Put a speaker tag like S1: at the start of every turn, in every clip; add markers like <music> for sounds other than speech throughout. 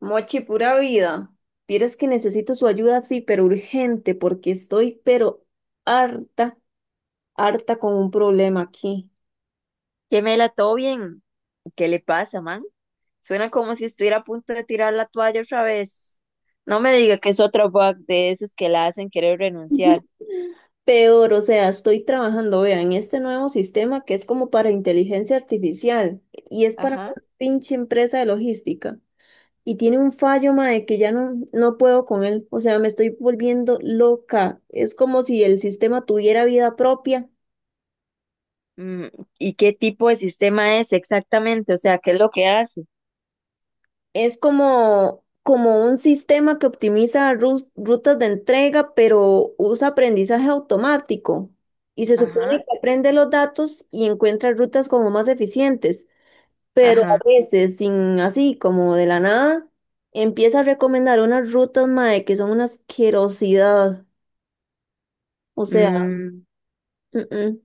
S1: Mochi, pura vida. Vieras que necesito su ayuda, sí, pero urgente, porque estoy, pero harta, harta con un problema aquí.
S2: Gemela, ¿todo bien? ¿Qué le pasa, man? Suena como si estuviera a punto de tirar la toalla otra vez. No me diga que es otro bug de esos que la hacen querer renunciar.
S1: Peor, o sea, estoy trabajando, vean, en este nuevo sistema que es como para inteligencia artificial y es para
S2: Ajá.
S1: una pinche empresa de logística. Y tiene un fallo, mae, que ya no puedo con él. O sea, me estoy volviendo loca. Es como si el sistema tuviera vida propia.
S2: Mm, ¿y qué tipo de sistema es exactamente? O sea, ¿qué es lo que hace?
S1: Es como un sistema que optimiza rutas de entrega, pero usa aprendizaje automático. Y se supone
S2: Ajá,
S1: que aprende los datos y encuentra rutas como más eficientes. Pero a
S2: ajá.
S1: veces, sin así, como de la nada, empieza a recomendar unas rutas, mae, que son una asquerosidad. O sea.
S2: Mm,
S1: mm,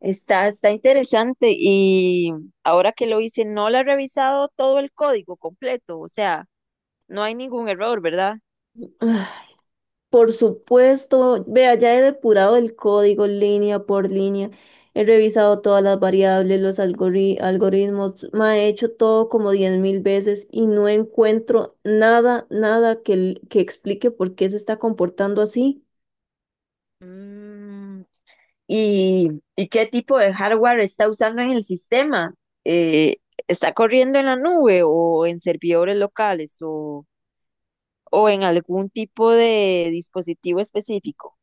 S2: está interesante. Y ahora que lo hice, no le ha revisado todo el código completo. O sea, no hay ningún error, ¿verdad?
S1: mm. <sighs> Por supuesto, vea, ya he depurado el código línea por línea, he revisado todas las variables, los algoritmos, ma, he hecho todo como 10.000 veces y no encuentro nada, nada que explique por qué se está comportando así.
S2: Mm, y, y qué tipo de hardware está usando en el sistema. Eh, ¿Está corriendo en la nube o en servidores locales o en algún tipo de dispositivo específico?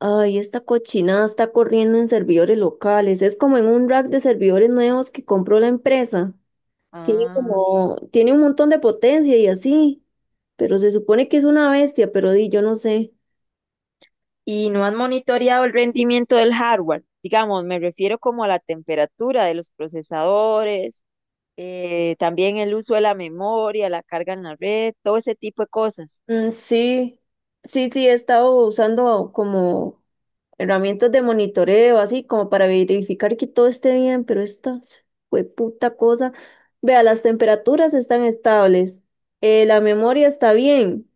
S1: Ay, esta cochinada está corriendo en servidores locales, es como en un rack de servidores nuevos que compró la empresa.
S2: Ah,
S1: Tiene un montón de potencia y así, pero se supone que es una bestia, pero di, yo no sé.
S2: y no han monitoreado el rendimiento del hardware. Digamos, me refiero como a la temperatura de los procesadores, también el uso de la memoria, la carga en la red, todo ese tipo de cosas.
S1: Mm, sí, sí, he estado usando como herramientas de monitoreo, así como para verificar que todo esté bien, pero esta puta cosa. Vea, las temperaturas están estables, la memoria está bien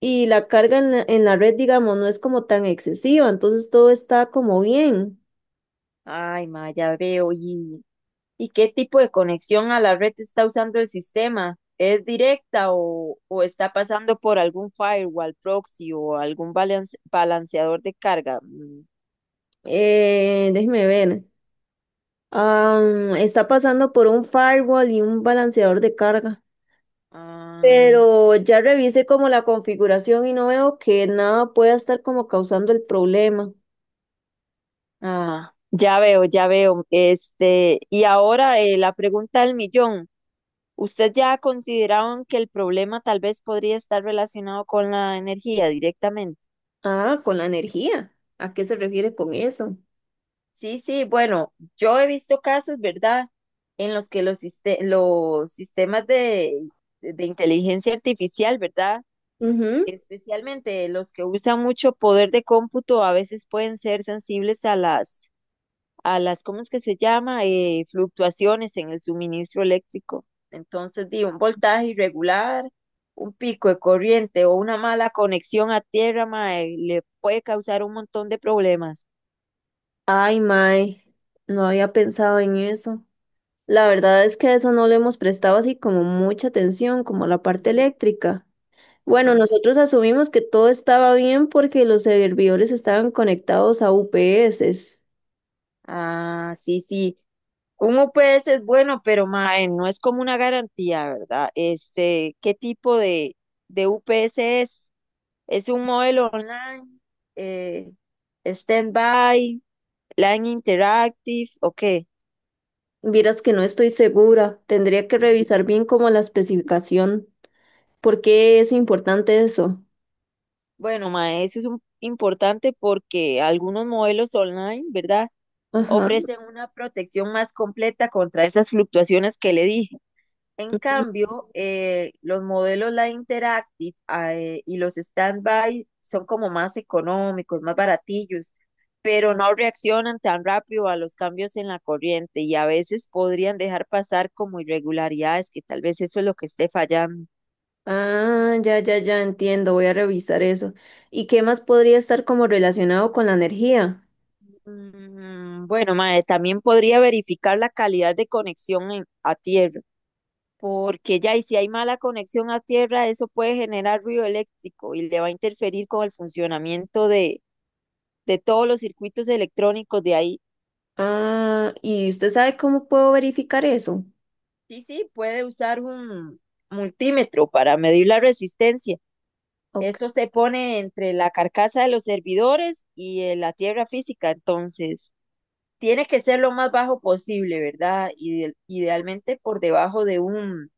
S1: y la carga en la red, digamos, no es como tan excesiva, entonces todo está como bien.
S2: Ay, ma, ya veo. Y ¿y qué tipo de conexión a la red está usando el sistema? ¿Es directa o está pasando por algún firewall proxy o algún balanceador de carga?
S1: Déjeme ver. Está pasando por un firewall y un balanceador de carga.
S2: Ah,
S1: Pero ya revisé como la configuración y no veo que nada pueda estar como causando el problema.
S2: ah, ya veo, ya veo. Este, y ahora la pregunta del millón. ¿Usted ya ha considerado en que el problema tal vez podría estar relacionado con la energía directamente?
S1: Ah, con la energía. ¿A qué se refiere con eso?
S2: Sí, sí, bueno, yo he visto casos, ¿verdad?, en los que los, los sistemas de inteligencia artificial, ¿verdad?,
S1: Ujú.
S2: especialmente los que usan mucho poder de cómputo, a veces pueden ser sensibles a las, ¿cómo es que se llama?, fluctuaciones en el suministro eléctrico. Entonces, di, un voltaje irregular, un pico de corriente o una mala conexión a tierra, mae, le puede causar un montón de problemas.
S1: Ay, mae, no había pensado en eso. La verdad es que a eso no le hemos prestado así como mucha atención, como a la parte
S2: Ujú.
S1: eléctrica. Bueno,
S2: Ajá.
S1: nosotros asumimos que todo estaba bien porque los servidores estaban conectados a UPS.
S2: Ah, sí, sí. Uno puede es bueno, pero mae, no es como una garantía, ¿verdad? Este, ¿qué tipo de UPS es? ¿Es un modelo online, eh, stand-by, line interactive o qué?
S1: Vieras que no estoy segura, tendría que
S2: Mm.
S1: revisar bien como la especificación. ¿Por qué es importante eso?
S2: Bueno, mae, importante porque algunos modelos online, ¿verdad?
S1: Ajá.
S2: Ofrecen una protección más completa contra esas fluctuaciones que le dije. En cambio, los modelos Live Interactive ah, y los Standby son como más económicos, más baratillos, pero no reaccionan tan rápido a los cambios en la corriente y a veces podrían dejar pasar como irregularidades, que tal vez eso es lo que esté fallando.
S1: Ah, ya, ya, ya entiendo, voy a revisar eso. ¿Y qué más podría estar como relacionado con la energía?
S2: Mm, bueno, mae, también podría verificar la calidad de conexión a tierra, porque ya, y si hay mala conexión a tierra, eso puede generar ruido eléctrico y le va a interferir con el funcionamiento de todos los circuitos electrónicos de ahí.
S1: Ah, ¿y usted sabe cómo puedo verificar eso?
S2: Sí, sí, puede usar un multímetro para medir la resistencia.
S1: Ok.
S2: Eso se pone entre la carcasa de los servidores y la tierra física, entonces tiene que ser lo más bajo posible, ¿verdad? Idealmente por debajo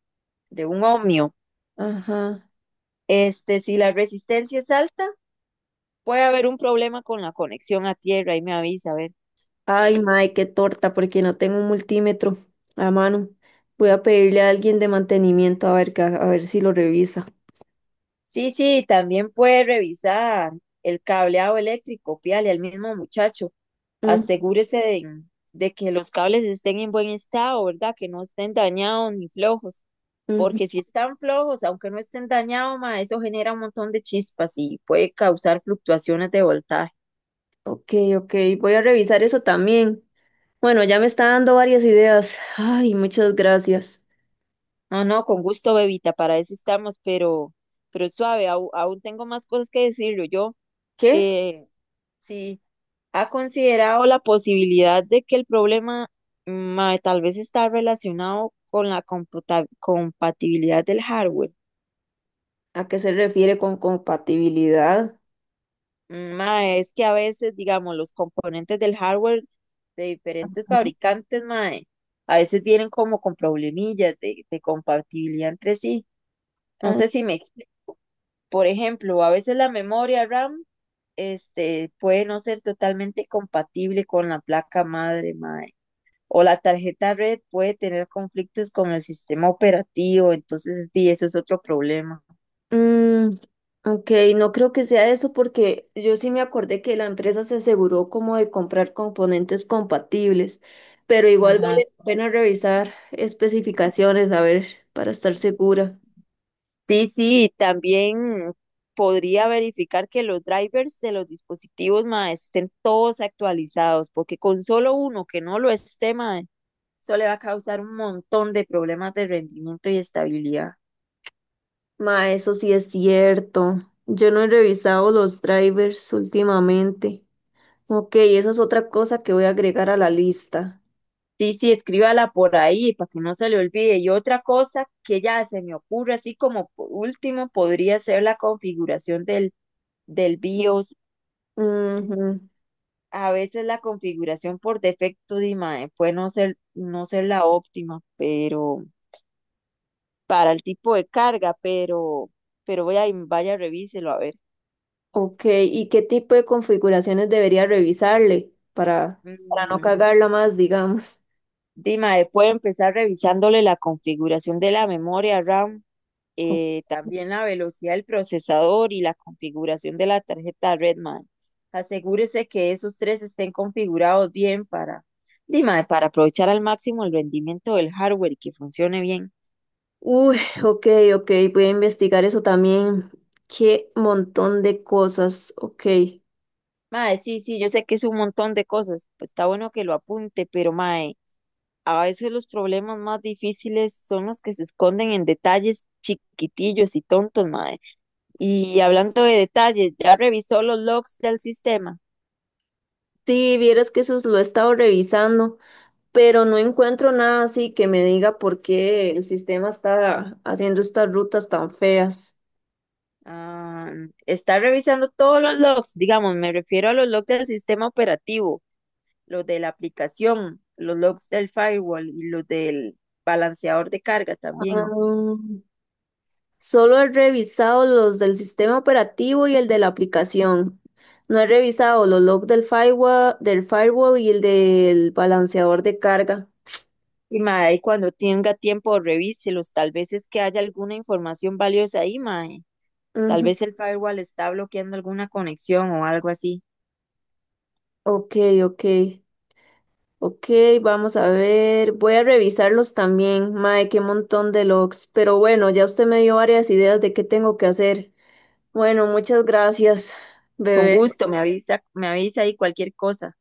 S2: de un ohmio.
S1: Ajá.
S2: Este, si la resistencia es alta, puede haber un problema con la conexión a tierra, ahí me avisa, a ver.
S1: Ay, mae, qué torta, porque no tengo un multímetro a mano. Voy a pedirle a alguien de mantenimiento a ver, a ver si lo revisa.
S2: Sí, sí, también puede revisar el cableado eléctrico, pídale al mismo muchacho.
S1: Mm,
S2: Asegúrese de que los cables estén en buen estado, ¿verdad? Que no estén dañados ni flojos,
S1: ujú.
S2: porque si están flojos, aunque no estén dañados, ma, eso genera un montón de chispas y puede causar fluctuaciones de voltaje.
S1: Ok, ok, voy a revisar eso también. Bueno, ya me está dando varias ideas. Ay, muchas gracias.
S2: No, no, con gusto, bebita, para eso estamos, pero suave, aún, tengo más cosas que decirlo. Yo,
S1: ¿Qué?
S2: eh, sí. ¿Ha considerado la posibilidad de que el problema ma, tal vez está relacionado con la compatibilidad del hardware?
S1: ¿A qué se refiere con compatibilidad?
S2: Ma, es que a veces, digamos, los componentes del hardware de diferentes
S1: Ajá.
S2: fabricantes, ma, a veces vienen como con problemillas de compatibilidad entre sí. No
S1: Ah,
S2: sé si me explico. Por ejemplo, a veces la memoria RAM, este, puede no ser totalmente compatible con la placa madre, ma, o la tarjeta red puede tener conflictos con el sistema operativo, entonces sí, eso es otro problema.
S1: mm, ok, no creo que sea eso porque yo sí me acordé que la empresa se aseguró como de comprar componentes compatibles, pero igual
S2: Ajá.
S1: vale la pena revisar especificaciones, a ver, para estar segura.
S2: Sí, sí, también podría verificar que los drivers de los dispositivos mae, estén todos actualizados, porque con solo uno que no lo esté, mae, eso le va a causar un montón de problemas de rendimiento y estabilidad.
S1: Ma, eso sí es cierto. Yo no he revisado los drivers últimamente. Ok, esa es otra cosa que voy a agregar a la lista.
S2: Sí, sí, escríbala por ahí para que no se le olvide. Y otra cosa que ya se me ocurre, así como por último, podría ser la configuración del del BIOS, a veces la configuración por defecto de imagen puede no ser, no ser la óptima, pero para el tipo de carga, pero, vaya, revíselo a ver.
S1: Ok, ¿y qué tipo de configuraciones debería revisarle para no
S2: Mm,
S1: cagarla más, digamos?
S2: Dima, puede empezar revisándole la configuración de la memoria RAM,
S1: O-
S2: también la velocidad del procesador y la configuración de la tarjeta red, mae. Asegúrese que esos tres estén configurados bien para, Dima, para aprovechar al máximo el rendimiento del hardware y que funcione bien.
S1: Uy, ok, ok, voy a investigar eso también. Qué montón de cosas, ok.
S2: Mae, sí, sí, yo sé que es un montón de cosas, pues está bueno que lo apunte, pero mae, a veces los problemas más difíciles son los que se esconden en detalles chiquitillos y tontos, mae. Y hablando de detalles, ¿ya revisó los logs del sistema?
S1: Sí, vieras que eso lo he estado revisando, pero no encuentro nada así que me diga por qué el sistema está haciendo estas rutas tan feas.
S2: Ah, está revisando todos los logs, digamos, me refiero a los logs del sistema operativo, los de la aplicación, los logs del firewall y los del balanceador de carga también.
S1: Ah, solo he revisado los del sistema operativo y el de la aplicación. No he revisado los logs del firewall y el del balanceador de carga.
S2: Y mae, cuando tenga tiempo, revíselos. Tal vez es que haya alguna información valiosa ahí, mae. Tal
S1: Ujú.
S2: vez el firewall está bloqueando alguna conexión o algo así.
S1: Ok, ok, ok, vamos a ver. Voy a revisarlos también. Mae, qué montón de logs. Pero bueno, ya usted me dio varias ideas de qué tengo que hacer. Bueno, muchas gracias,
S2: Con
S1: bebé.
S2: gusto, me avisa ahí cualquier cosa.